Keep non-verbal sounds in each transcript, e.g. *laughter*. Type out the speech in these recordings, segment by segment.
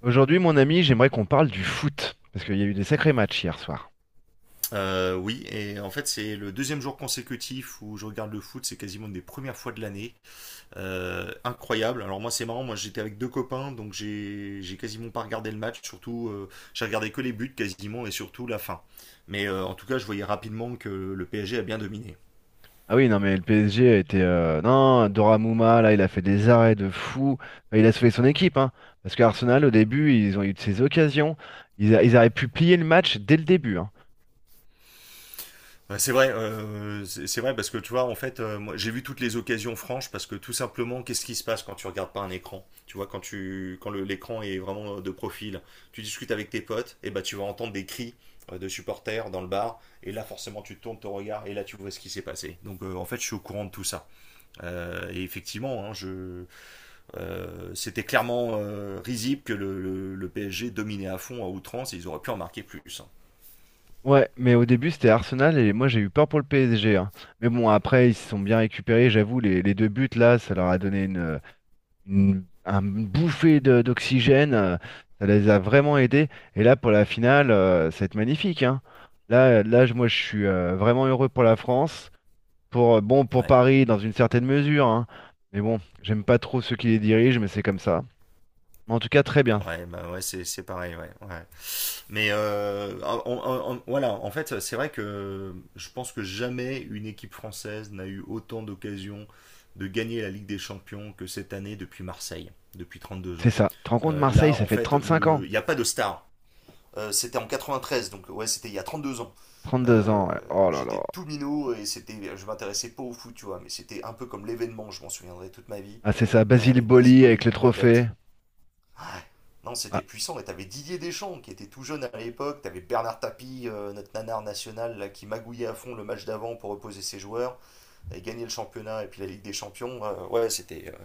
Aujourd'hui, mon ami, j'aimerais qu'on parle du foot, parce qu'il y a eu des sacrés matchs hier soir. Oui, et en fait c'est le deuxième jour consécutif où je regarde le foot, c'est quasiment une des premières fois de l'année. Incroyable. Alors moi c'est marrant, moi j'étais avec deux copains, donc j'ai quasiment pas regardé le match, surtout j'ai regardé que les buts quasiment et surtout la fin. Mais en tout cas je voyais rapidement que le PSG a bien dominé. Ah oui, non, mais le PSG a été... Non, Doramouma, là, il a fait des arrêts de fou. Enfin, il a sauvé son équipe, hein, parce qu'Arsenal, au début, ils ont eu de ces occasions. Ils auraient pu plier le match dès le début, hein. Ouais, c'est vrai, c'est vrai parce que tu vois, en fait, moi, j'ai vu toutes les occasions franches parce que tout simplement, qu'est-ce qui se passe quand tu regardes pas un écran? Tu vois, quand l'écran est vraiment de profil, tu discutes avec tes potes, et bah tu vas entendre des cris de supporters dans le bar, et là forcément tu tournes ton regard et là tu vois ce qui s'est passé. Donc en fait, je suis au courant de tout ça. Et effectivement, hein, je, c'était clairement risible que le PSG dominait à fond à outrance, et ils auraient pu en marquer plus, hein. Ouais, mais au début, c'était Arsenal, et moi, j'ai eu peur pour le PSG, hein. Mais bon, après, ils se sont bien récupérés, j'avoue, les deux buts, là, ça leur a donné une bouffée d'oxygène, ça les a vraiment aidés. Et là, pour la finale, ça va être magnifique, hein. Moi, je suis vraiment heureux pour la France, pour, bon, pour Ouais. Paris, dans une certaine mesure, hein. Mais bon, j'aime pas trop ceux qui les dirigent, mais c'est comme ça. Mais en tout cas, très bien. Ouais, bah ouais, c'est pareil, ouais, ouais. Mais en fait, c'est vrai que je pense que jamais une équipe française n'a eu autant d'occasions de gagner la Ligue des Champions que cette année depuis Marseille, depuis 32 C'est ans. ça. Tu te rends compte, Euh, Marseille, là, ça en fait fait, 35 ans, il n'y a pas de star. C'était en 93, donc ouais, c'était il y a 32 ans. trente-deux Euh, ans. ouais. Oh là J'étais là. tout minot et c'était, je m'intéressais pas au foot, tu vois, mais c'était un peu comme l'événement, je m'en souviendrai toute ma vie, Ah, c'est ça, Basile avec Boli avec le Basiboli, la trophée. tête. Ah, non, Ah, c'était puissant. Et t'avais Didier Deschamps qui était tout jeune à l'époque. T'avais Bernard Tapie, notre nanar national, là, qui magouillait à fond le match d'avant pour reposer ses joueurs, et gagner le championnat et puis la Ligue des Champions.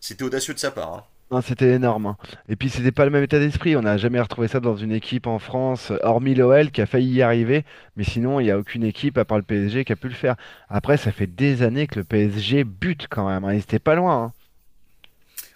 C'était audacieux de sa part, hein. non, c'était énorme, hein. Et puis, c'était pas le même état d'esprit. On n'a jamais retrouvé ça dans une équipe en France, hormis l'OL qui a failli y arriver. Mais sinon, il n'y a aucune équipe, à part le PSG, qui a pu le faire. Après, ça fait des années que le PSG bute quand même, hein. Ils étaient pas loin, hein.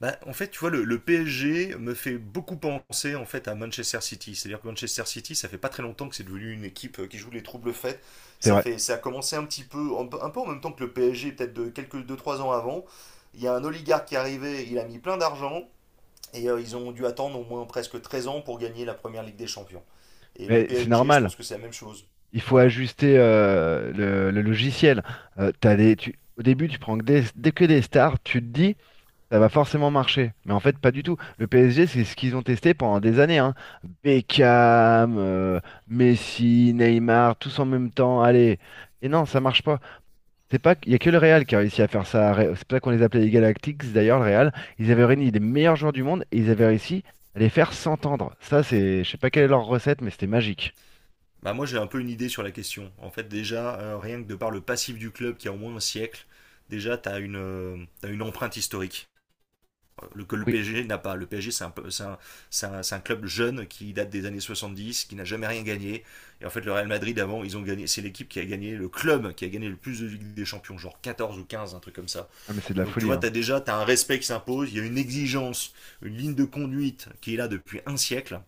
Bah, en fait, tu vois, le PSG me fait beaucoup penser en fait à Manchester City. C'est-à-dire que Manchester City, ça fait pas très longtemps que c'est devenu une équipe qui joue les troubles faits. C'est Ça vrai. fait, ça a commencé un petit peu, un peu en même temps que le PSG, peut-être de quelques deux trois ans avant. Il y a un oligarque qui est arrivé, il a mis plein d'argent. Ils ont dû attendre au moins presque 13 ans pour gagner la première Ligue des Champions. Et le Mais c'est PSG, je normal. pense que c'est la même chose. Il faut Voilà. ajuster le logiciel. Au début, tu prends que des, dès que des stars. Tu te dis. Ça va forcément marcher. Mais en fait, pas du tout. Le PSG, c'est ce qu'ils ont testé pendant des années, hein. Beckham, Messi, Neymar, tous en même temps. Allez. Et non, ça marche pas. C'est pas, il y a que le Real qui a réussi à faire ça. C'est pour ça qu'on les appelait les Galactics. D'ailleurs, le Real, ils avaient réuni les meilleurs joueurs du monde et ils avaient réussi à les faire s'entendre. Ça, c'est, je sais pas quelle est Ouais. leur recette, mais c'était magique. Bah moi j'ai un peu une idée sur la question. En fait déjà, rien que de par le passif du club qui a au moins un siècle, déjà tu as une empreinte historique que le Oui. PSG n'a pas. Le PSG c'est un club jeune qui date des années 70, qui n'a jamais rien gagné. Et en fait le Real Madrid avant, ils ont gagné, c'est l'équipe qui a gagné, le club qui a gagné le plus de Ligue des Champions, genre 14 ou 15, un truc comme ça. Ah, mais c'est de la Donc tu folie, vois, tu hein. as déjà t'as un respect qui s'impose, il y a une exigence, une ligne de conduite qui est là depuis un siècle.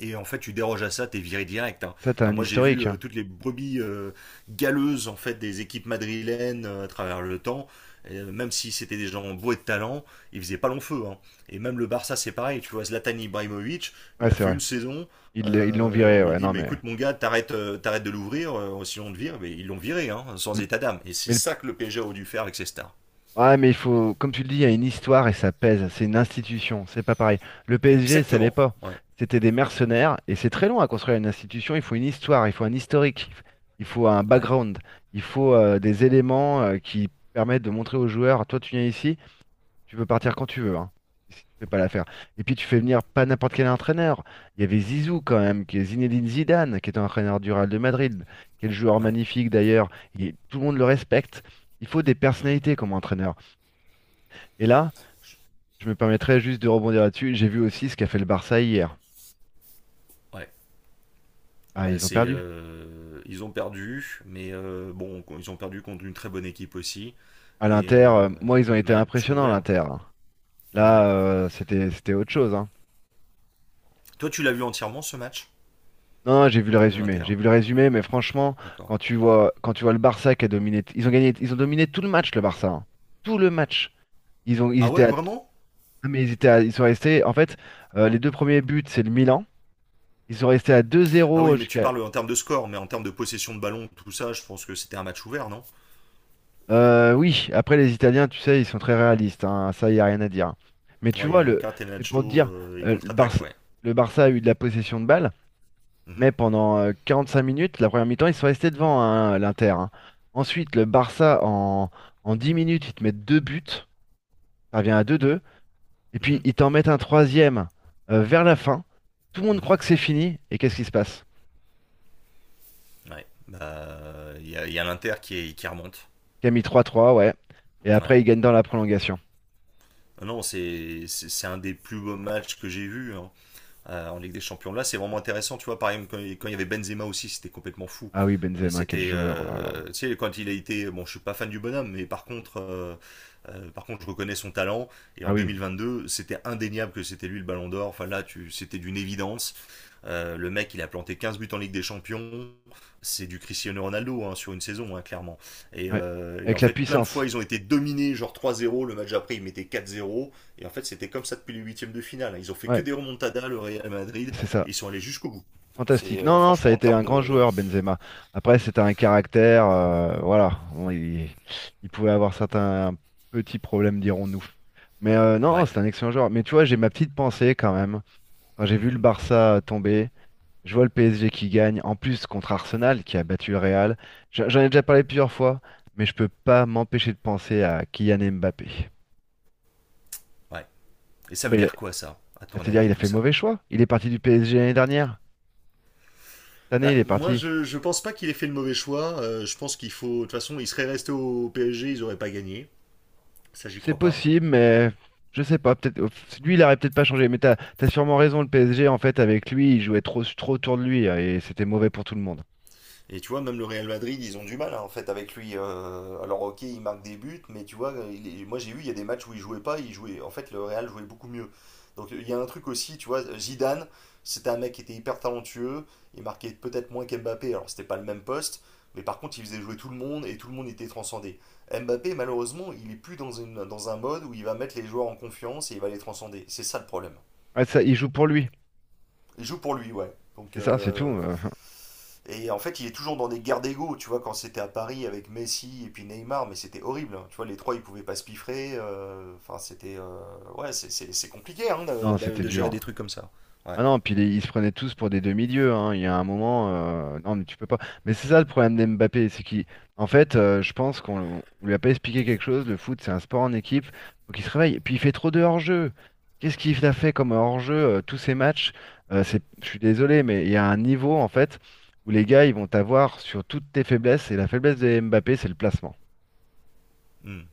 Et en fait, tu déroges à ça, t'es viré direct, hein. Ça, t'as Enfin, un moi, j'ai vu historique, hein. toutes les brebis galeuses en fait des équipes madrilènes à travers le temps. Et, même si c'était des gens beaux et de talent, ils faisaient pas long feu, hein. Et même le Barça, c'est pareil. Tu vois, Zlatan Ibrahimovic, Ouais, il a c'est fait vrai. une saison. Ils l'ont Et on viré. lui a Ouais, dit, non, mais mais. écoute, mon gars, t'arrêtes de l'ouvrir, sinon on te vire. Mais ils l'ont viré, hein, sans Mm. état d'âme. Et c'est Mais le ça que le PSG a dû faire avec ses stars. ouais, mais il faut, comme tu le dis, il y a une histoire et ça pèse. C'est une institution, c'est pas pareil. Le PSG, ça l'est Exactement. pas. Ouais, C'était des mercenaires et c'est très long à construire une institution. Il faut une histoire, il faut un historique, il faut un ouais. background, il faut des éléments qui permettent de montrer aux joueurs, toi tu viens ici, tu peux partir quand tu veux, hein, si tu fais pas l'affaire. Et puis tu fais venir pas n'importe quel entraîneur. Il y avait Zizou quand même, qui est Zinedine Zidane, qui est un entraîneur du Real de Madrid, quel joueur Ouais. magnifique d'ailleurs. Et tout le monde le respecte. Il faut des Mm. personnalités comme entraîneur. Et là, je me permettrais juste de rebondir là-dessus. J'ai vu aussi ce qu'a fait le Barça hier. Ouais. Ah, Bah, ils ont perdu. Ils ont perdu, mais bon, ils ont perdu contre une très bonne équipe aussi. À l'Inter, moi, ils ont été Match impressionnants, ouvert. l'Inter, hein. Ah ouais. Là, c'était autre chose, hein. Toi, tu l'as vu entièrement ce match Non, non, j'ai vu le de résumé. l'Inter? J'ai vu le résumé, mais franchement, D'accord. Quand tu vois le Barça qui a dominé, ils ont gagné, ils ont dominé tout le match, le Barça, hein. Tout le match. Ils Ah étaient ouais, à, vraiment? ah, mais ils sont restés. En fait, les deux premiers buts, c'est le Milan. Ils sont restés à deux Ah oui, zéro mais tu jusqu'à parles en termes de score, mais en termes de possession de ballon, tout ça, je pense que c'était un match ouvert, non? euh, oui, après les Italiens, tu sais, ils sont très réalistes, hein, ça, il n'y a rien à dire. Mais tu Ouais, il y vois, a une c'est pour te Catenaccio dire, et euh, le contre-attaque, Barça, ouais. le Barça a eu de la possession de balle, Mhm, mais pendant 5 minutes, la première mi-temps, ils sont restés devant hein, l'Inter, hein. Ensuite, le Barça, en 10 minutes, ils te mettent deux buts, ça revient à deux deux, et puis mhm, ils t'en mettent un troisième vers la fin. Tout le monde mhm. croit que c'est fini, et qu'est-ce qui se passe? Ouais. Bah, il y a l'Inter qui remonte. Camille trois trois, ouais. Et après, Ouais. ils gagnent dans la prolongation. Ah non, c'est un des plus beaux matchs que j'ai vu, hein, en Ligue des Champions. Là, c'est vraiment intéressant, tu vois. Par exemple, quand il y avait Benzema aussi, c'était complètement fou. Ah oui, Benzema, quel joueur, oh là là. Tu sais, quand il a été, bon, je suis pas fan du bonhomme, mais par contre, je reconnais son talent. Et Ah en deux oui. mille vingt deux, c'était indéniable que c'était lui le Ballon d'Or. Enfin là, c'était d'une évidence. Le mec, il a planté 15 buts en Ligue des Champions. C'est du Cristiano Ronaldo, hein, sur une saison, hein, clairement. Et, Ouais. euh, et Avec en la fait, plein de puissance. fois, ils ont été dominés, genre trois zéro. Le match après, ils mettaient quatre zéro. Et en fait, c'était comme ça depuis les huitièmes de finale, hein. Ils ont fait que Ouais, des remontadas, le Real Madrid, c'est ça. et ils sont allés jusqu'au bout. Fantastique. C'est Non, non, ça a franchement en été termes un grand de. joueur, Benzema. Après, c'était un caractère, voilà. Il pouvait avoir certains petits problèmes, dirons-nous. Mais non, Ouais. c'est un excellent joueur. Mais tu vois, j'ai ma petite pensée quand même. Quand j'ai vu le Mhm. Barça tomber, je vois le PSG qui gagne, en plus contre Arsenal, qui a battu le Real. J'en ai déjà parlé plusieurs fois, mais je peux pas m'empêcher de penser à Kylian Mbappé. Ouais. Et Ah, ça veut bah, dire quoi ça, à ton c'est-à-dire, il avis, a tout fait le ça? mauvais choix. Il est parti du PSG l'année dernière. Cette année, Bah, il est moi, parti. Je pense pas qu'il ait fait le mauvais choix. Je pense qu'il faut. De toute façon, il serait resté au PSG, ils auraient pas gagné. Ça, j'y C'est crois pas. possible, mais je sais pas. Peut-être oh, lui, il aurait peut-être pas changé. Mais t'as sûrement raison. Le PSG, en fait, avec lui, il jouait trop autour de lui hein, et c'était mauvais pour tout le monde. Et tu vois, même le Real Madrid, ils ont du mal, hein, en fait avec lui. Alors ok, il marque des buts, mais tu vois, moi j'ai vu, il y a des matchs où il jouait pas, il jouait. En fait, le Real jouait beaucoup mieux. Donc il y a un truc aussi, tu vois, Zidane, c'était un mec qui était hyper talentueux, il marquait peut-être moins qu'Mbappé, alors c'était pas le même poste, mais par contre il faisait jouer tout le monde et tout le monde était transcendé. Mbappé, malheureusement, il est plus dans un mode où il va mettre les joueurs en confiance et il va les transcender. C'est ça le problème. Ouais, ça, il joue pour lui. Il joue pour lui, ouais. Donc C'est ça, c'est tout. euh, *laughs* et en fait, il est toujours dans des guerres d'ego, tu vois, quand c'était à Paris avec Messi et puis Neymar, mais c'était horrible, hein. Tu vois, les trois, ils pouvaient pas se piffrer. Enfin, c'était. Ouais, c'est compliqué, hein, Non, c'était de gérer des dur. trucs comme ça. Ouais. Ah non, puis ils se prenaient tous pour des demi-dieux, hein. Il y a un moment, non mais tu peux pas. Mais c'est ça le problème d'Mbappé, c'est qu'il, en fait, je pense qu'on on lui a pas expliqué quelque chose. Le foot, c'est un sport en équipe, faut qu'il se réveille. Et puis il fait trop de hors-jeu. Qu'est-ce qu'il a fait comme hors-jeu tous ces matchs? Je suis désolé, mais il y a un niveau en fait où les gars, ils vont t'avoir sur toutes tes faiblesses. Et la faiblesse de Mbappé, c'est le placement. Mm.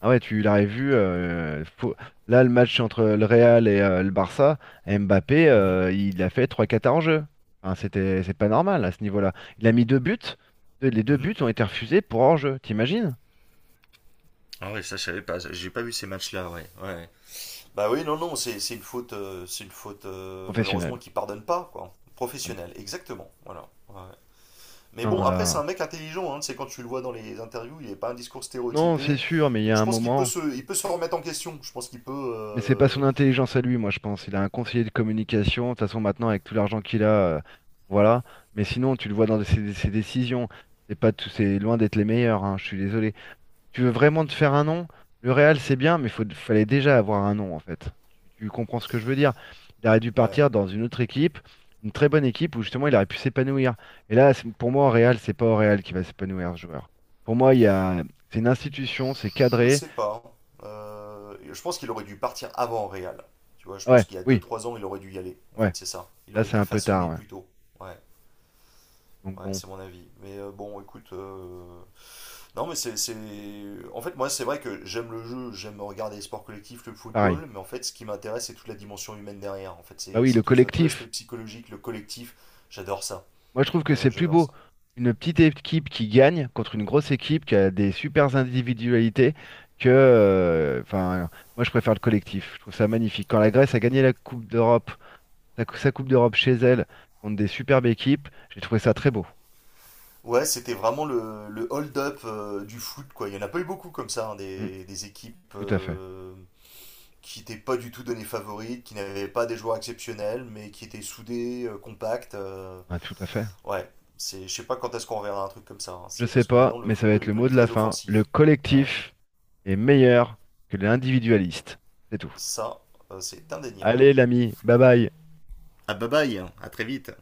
Ah ouais, tu l'aurais vu. Là, le match entre le Real et le Barça, Mbappé, Mhm. Il a fait trois 4 en jeu. Enfin, c'est pas normal à ce niveau-là. Il a mis deux buts. Les deux Mhm. buts ont été refusés pour hors-jeu. T'imagines? Ah ouais, ça, je savais pas. J'ai pas vu ces matchs-là, ouais, ouais. Bah oui, non, non, c'est une faute, c'est une faute malheureusement Professionnel. qui pardonne pas, quoi. Ah, b- Professionnelle, exactement. Voilà. Ouais. Mais Non, bon, non, après, c'est là. un mec intelligent, hein, c'est quand tu le vois dans les interviews, il n'est pas un discours Non, c'est stéréotypé. sûr, mais il y Donc a je un pense moment. Il peut se remettre en question. Je pense qu'il peut. Mais c'est pas son intelligence à lui, moi, je pense. Il a un conseiller de communication. De toute façon, maintenant, avec tout l'argent qu'il a, voilà. Mais sinon, tu le vois dans ses décisions. C'est pas tout, c'est loin d'être les meilleurs, hein, je suis désolé. Tu veux vraiment te faire un nom, le Real c'est bien, mais fallait déjà avoir un nom en fait. Tu comprends ce que je veux dire? Il aurait dû Ouais, partir dans une autre équipe, une très bonne équipe où justement il aurait pu s'épanouir. Et là, pour moi, au Real, c'est pas au Real qui va s'épanouir ce joueur. Pour moi, c'est une institution, c'est je cadré. sais pas, hein. Je pense qu'il aurait dû partir avant Real. Tu vois, je pense Ouais, qu'il y a deux oui, trois ans, il aurait dû y aller. En ouais. fait, c'est ça. Il Là, aurait c'est été un peu façonné tard, ouais. plus tôt. Ouais, Donc ouais, bon, c'est mon avis. Mais écoute, Non, mais c'est. C'est- en fait, moi, c'est vrai que j'aime le jeu, j'aime regarder les sports collectifs, le pareil. football, mais en fait, ce qui m'intéresse, c'est toute la dimension humaine derrière. En fait, Bah c'est oui, c'est le tout ça, tout l'aspect collectif. psychologique, le collectif. J'adore ça. Moi, je trouve que c'est plus J'adore beau ça. une petite équipe qui gagne contre une grosse équipe qui a des supers individualités que, moi, je préfère le collectif. Je trouve ça magnifique. Quand la Grèce a gagné la Coupe d'Europe, sa Coupe d'Europe chez elle contre des superbes équipes, j'ai trouvé ça très beau. Ouais, c'était vraiment le hold-up du foot, quoi. Il n'y en a pas eu beaucoup comme ça, hein, Mm, des équipes tout à fait. Qui n'étaient pas du tout données favorites, qui n'avaient pas des joueurs exceptionnels, mais qui étaient soudées, compactes. Ouais, tout à fait. Ouais, c'est, je sais pas quand est-ce qu'on reverra un truc comme ça, hein. Je C'est sais parce que pas, maintenant, le mais ça va football être est le mot devenu de la très fin. Le offensif. Ouais. collectif est meilleur que l'individualiste. C'est tout. Ça, c'est indéniable. Allez, l'ami, bye bye. Ah bye bye, hein. À très vite.